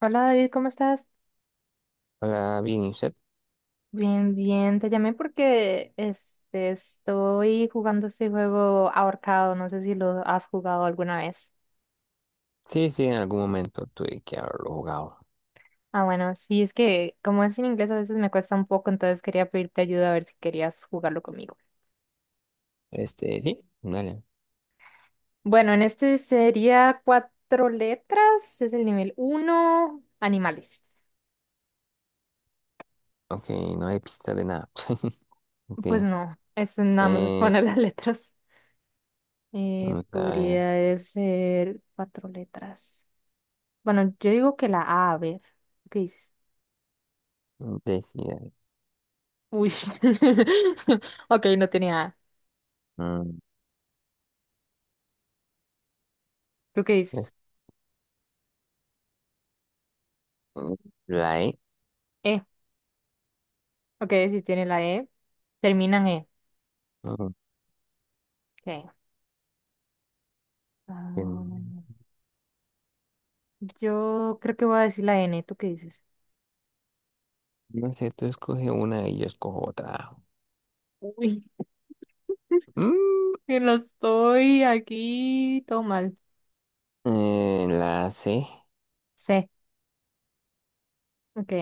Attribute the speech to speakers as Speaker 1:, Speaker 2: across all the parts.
Speaker 1: Hola David, ¿cómo estás?
Speaker 2: Hola, bien, ¿y usted?
Speaker 1: Bien, bien, te llamé porque estoy jugando este juego ahorcado, no sé si lo has jugado alguna vez.
Speaker 2: Sí, sí, en algún momento tuve que haberlo jugado.
Speaker 1: Ah, bueno, sí, es que como es en inglés a veces me cuesta un poco, entonces quería pedirte ayuda a ver si querías jugarlo conmigo.
Speaker 2: Sí, dale.
Speaker 1: Bueno, en este sería cuatro letras, es el nivel uno, animales.
Speaker 2: Ok, no hay pista de nada. Ok,
Speaker 1: Pues no, eso nada más es
Speaker 2: eh,
Speaker 1: poner las letras.
Speaker 2: vamos a ver.
Speaker 1: Podría ser cuatro letras. Bueno, yo digo que la A, a ver. ¿Qué dices?
Speaker 2: Decida.
Speaker 1: Uy. Ok, no tenía. A.
Speaker 2: Mm,
Speaker 1: ¿Tú qué dices?
Speaker 2: es- mm, la E.
Speaker 1: E. Ok, si tiene la E. Terminan E.
Speaker 2: No
Speaker 1: Ok.
Speaker 2: mm,
Speaker 1: Ah, yo creo que voy a decir la N. ¿Tú qué dices?
Speaker 2: no sé, tú escoge una y yo escojo otra.
Speaker 1: Uy.
Speaker 2: Mm,
Speaker 1: Que lo estoy aquí. Todo mal.
Speaker 2: la C.
Speaker 1: C. Ok.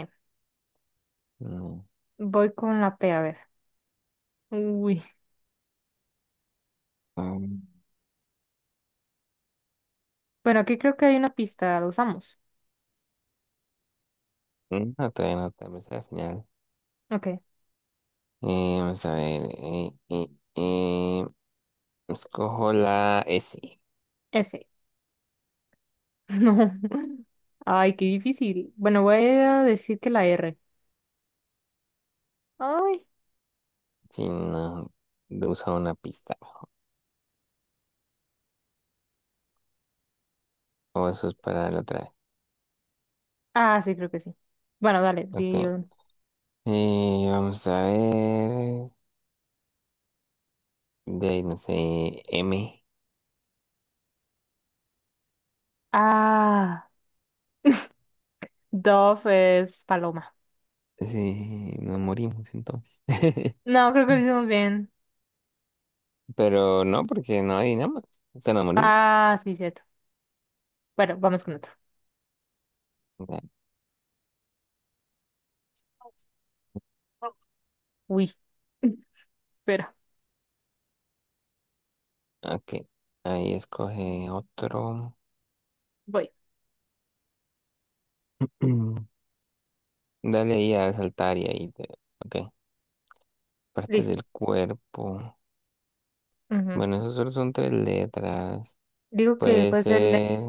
Speaker 2: No,
Speaker 1: Voy con la P, a ver. Uy.
Speaker 2: mm,
Speaker 1: Bueno, aquí creo que hay una pista. ¿La usamos?
Speaker 2: no, todavía no, tal vez al final.
Speaker 1: Ok.
Speaker 2: Vamos a ver. Eh, escojo la S.
Speaker 1: S. No. Ay, qué difícil. Bueno, voy a decir que la R. Ay.
Speaker 2: Sí, no, de una pista. O eso es para la otra vez.
Speaker 1: Ah, sí, creo que sí. Bueno, dale, di.
Speaker 2: Ok. Vamos a ver. De ahí, no sé, M.
Speaker 1: Ah, Dove es paloma.
Speaker 2: Sí, nos morimos entonces.
Speaker 1: No, creo que lo hicimos bien.
Speaker 2: Pero no, porque no hay nada más. O sea, nos morimos.
Speaker 1: Ah, sí, cierto. Bueno, vamos con otro.
Speaker 2: Ya,
Speaker 1: Uy, espera,
Speaker 2: ok. Ahí escoge otro.
Speaker 1: voy.
Speaker 2: Mm. Dale ahí a saltar y ahí te. Ok. Parte
Speaker 1: Listo.
Speaker 2: del cuerpo.
Speaker 1: Ujú.
Speaker 2: Bueno, esos solo son tres letras.
Speaker 1: Digo que
Speaker 2: Puede
Speaker 1: puede ser leg.
Speaker 2: ser.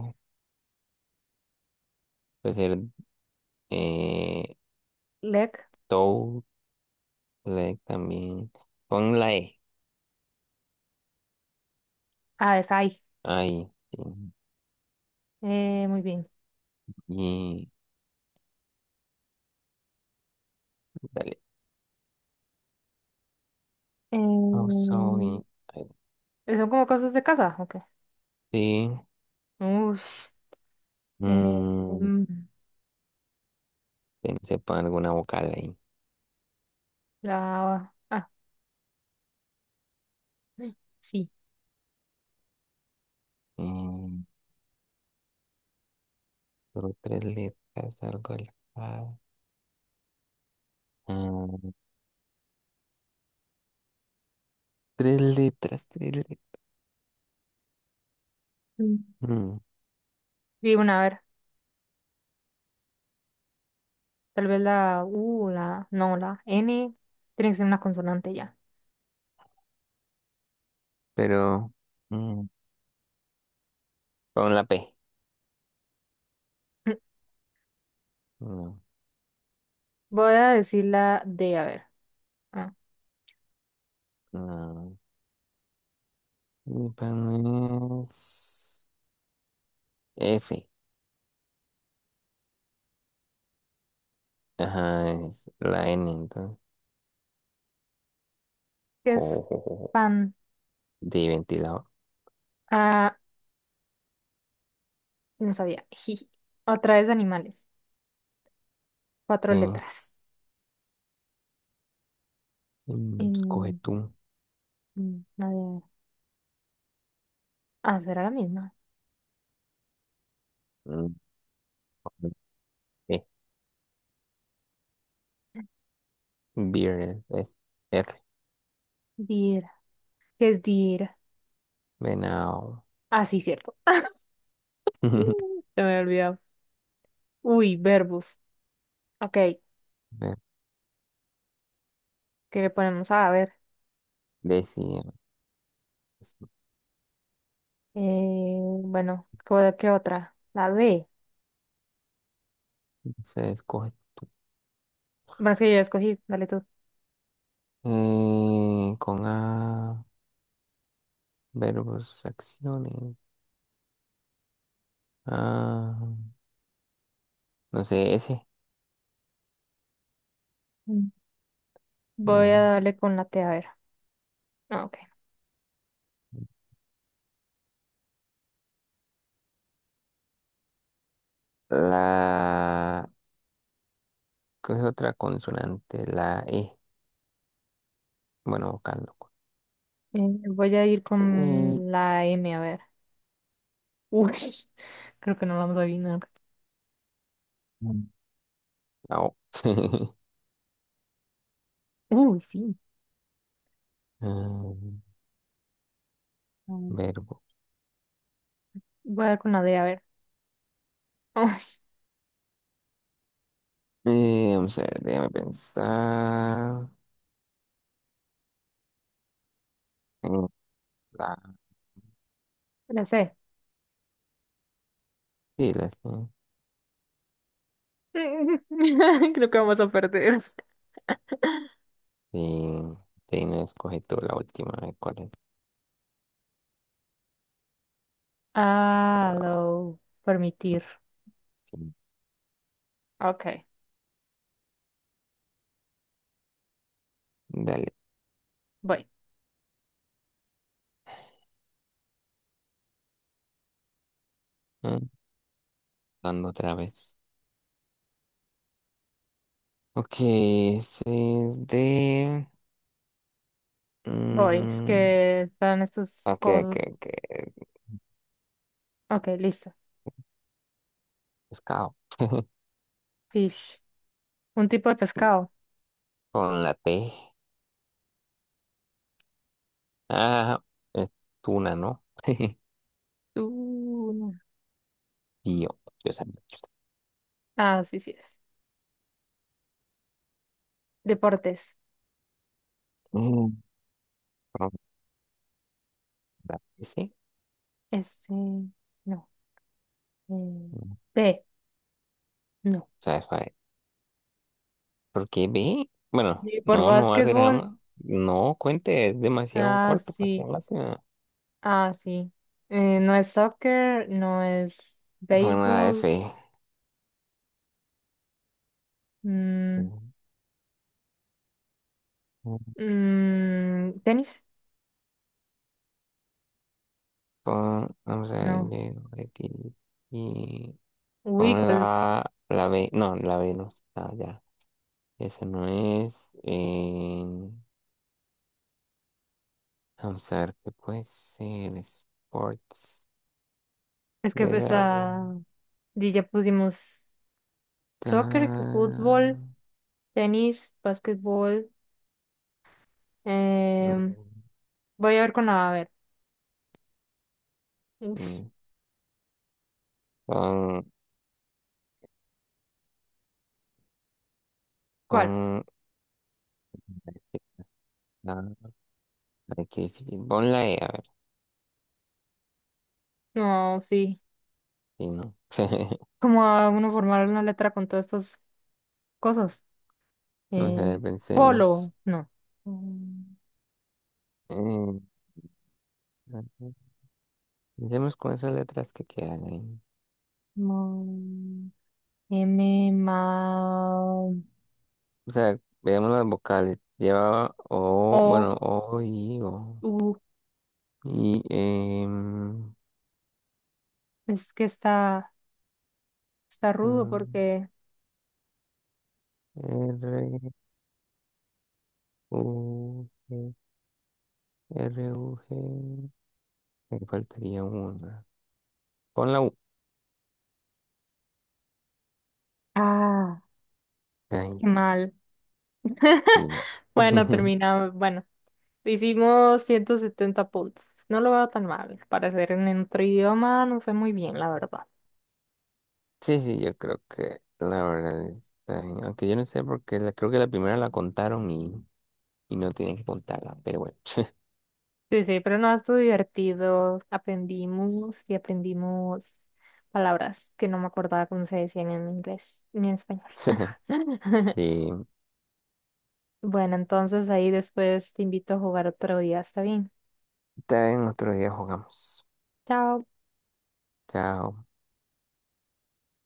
Speaker 2: Puede ser. Eh,
Speaker 1: Leg.
Speaker 2: Like también. Pon la E.
Speaker 1: Ah, es ahí.
Speaker 2: Ahí.
Speaker 1: Muy bien.
Speaker 2: Sí. Y dale. Oh,
Speaker 1: Em,
Speaker 2: sorry. Ahí,
Speaker 1: ¿Son como cosas de casa? Ok.
Speaker 2: sí.
Speaker 1: Ush. Eh,
Speaker 2: Mm,
Speaker 1: mm,
Speaker 2: pensé pon alguna vocal ahí.
Speaker 1: la... Ah, sí.
Speaker 2: Mm, solo tres letras, algo al mm, tres letras, tres letras.
Speaker 1: Mm.
Speaker 2: Mm,
Speaker 1: Digo, una, a ver. Tal vez la U, la... No, la N. Tiene que ser una consonante ya.
Speaker 2: pero mm, pon la P. No,
Speaker 1: Voy a decir la D, a ver. Ah,
Speaker 2: no. Y pon es F. Ajá, es la N entonces.
Speaker 1: ¿qué
Speaker 2: Jo,
Speaker 1: es
Speaker 2: jo, jo, jo,
Speaker 1: fan?
Speaker 2: de ventilador.
Speaker 1: Ah, no sabía. Jiji. Otra vez animales. Cuatro
Speaker 2: Ok.
Speaker 1: letras.
Speaker 2: Escoge
Speaker 1: Mm,
Speaker 2: tú.
Speaker 1: mm, la de- Ah, será la misma.
Speaker 2: Mm, eh, Beer es R.
Speaker 1: Dir. ¿Qué es dir?
Speaker 2: Venado.
Speaker 1: Ah, sí, cierto. Se me había olvidado. Uy, verbos. Ok,
Speaker 2: Eh,
Speaker 1: ¿qué le ponemos? Ah, a ver.
Speaker 2: Decía.
Speaker 1: Eh, bueno, ¿qué otra? La D.
Speaker 2: Se escoge.
Speaker 1: Bueno, es que yo ya escogí. Dale tú.
Speaker 2: Con A. Verbos, acciones. Ah, no sé, S.
Speaker 1: Mm. Voy a
Speaker 2: No.
Speaker 1: darle con la T, a ver. Ah, ok.
Speaker 2: La. ¿Qué es otra consonante? La E. Bueno, vocal, loco.
Speaker 1: Eh, Voy a ir
Speaker 2: Y
Speaker 1: con la M, a ver. Uy, creo que no lo vamos a adivinar.
Speaker 2: mm. la O.
Speaker 1: Uy, sí.
Speaker 2: Ah,
Speaker 1: Mm.
Speaker 2: verbo.
Speaker 1: Voy a dar con la D, a ver. Uy,
Speaker 2: Vamos a ver, déjame pensar. La,
Speaker 1: la C.
Speaker 2: sí, la sí.
Speaker 1: Creo que vamos a perder.
Speaker 2: Y de ahí no escoge tú la última, a ver ¿cuál es?
Speaker 1: Ah, lo permitir.
Speaker 2: Sí,
Speaker 1: Ok,
Speaker 2: dale.
Speaker 1: voy.
Speaker 2: Ah, dando otra vez. Ok, ese es de.
Speaker 1: Voy, es
Speaker 2: mm,
Speaker 1: que están estos
Speaker 2: ok, ok,
Speaker 1: codos.
Speaker 2: ok.
Speaker 1: Ok, listo.
Speaker 2: Pescado.
Speaker 1: Fish. Un tipo de pescado.
Speaker 2: Con la T. Ah, es tuna, ¿no?
Speaker 1: Tuna.
Speaker 2: Y yo sabía, yo
Speaker 1: Ah, sí, sí es. Deportes.
Speaker 2: sabía. Con la S.
Speaker 1: Este, no. Eh,
Speaker 2: mm,
Speaker 1: B, no.
Speaker 2: Suave, suave. Porque ve. Bueno,
Speaker 1: Y por
Speaker 2: no, no va a ser
Speaker 1: básquetbol.
Speaker 2: jamás. No, cuente, es demasiado
Speaker 1: Ah,
Speaker 2: corto para ser
Speaker 1: sí.
Speaker 2: la.
Speaker 1: Ah, sí. No es soccer, no es
Speaker 2: Fue una
Speaker 1: béisbol,
Speaker 2: F.
Speaker 1: mm, mm, tenis,
Speaker 2: Pon, vamos a ver,
Speaker 1: no.
Speaker 2: llego aquí y pon
Speaker 1: Uy, ¿cuál?
Speaker 2: la B. No, la B no está ya. Esa no es. eh, vamos a ver qué puede ser. Sports
Speaker 1: Es que
Speaker 2: de
Speaker 1: esta
Speaker 2: algo.
Speaker 1: ya pusimos soccer, que
Speaker 2: Acá.
Speaker 1: fútbol, tenis, básquetbol. em,
Speaker 2: Mm,
Speaker 1: Voy a ver con la, a ver. Uf,
Speaker 2: mm, Pon,
Speaker 1: ¿cuál?
Speaker 2: pon la. Ay, qué difícil. Pon la E, a ver.
Speaker 1: No, sí.
Speaker 2: Y no.
Speaker 1: ¿Cómo va uno a formar una letra con todas estas cosas?
Speaker 2: Vamos a
Speaker 1: Eh,
Speaker 2: ver, pensemos.
Speaker 1: Polo, no. Mm,
Speaker 2: Eh, Empecemos con esas letras que quedan ahí.
Speaker 1: no. M, ma,
Speaker 2: O sea, veamos las vocales. Llevaba O,
Speaker 1: O,
Speaker 2: bueno, O, I, O.
Speaker 1: U.
Speaker 2: Y,
Speaker 1: Es que está, Está rudo
Speaker 2: am,
Speaker 1: porque.
Speaker 2: R, U, G, R, U, G. Me faltaría una. Pon la U.
Speaker 1: Ah,
Speaker 2: Ay,
Speaker 1: qué mal.
Speaker 2: sí, no.
Speaker 1: Bueno, terminamos. Bueno, hicimos 170 puntos. No lo veo tan mal. Para ser en otro idioma no fue muy bien, la verdad.
Speaker 2: Sí, sí, yo creo que la verdad está bien. Aunque yo no sé porque creo que la primera la contaron y no tienen que contarla. Pero bueno.
Speaker 1: Sí, sí, pero no estuvo divertido. Aprendimos y aprendimos palabras que no me acordaba cómo se decían en inglés ni en español.
Speaker 2: Sí,
Speaker 1: Bueno, entonces ahí después te invito a jugar otro día, ¿está bien?
Speaker 2: está bien, otro día jugamos.
Speaker 1: Chao.
Speaker 2: Chao.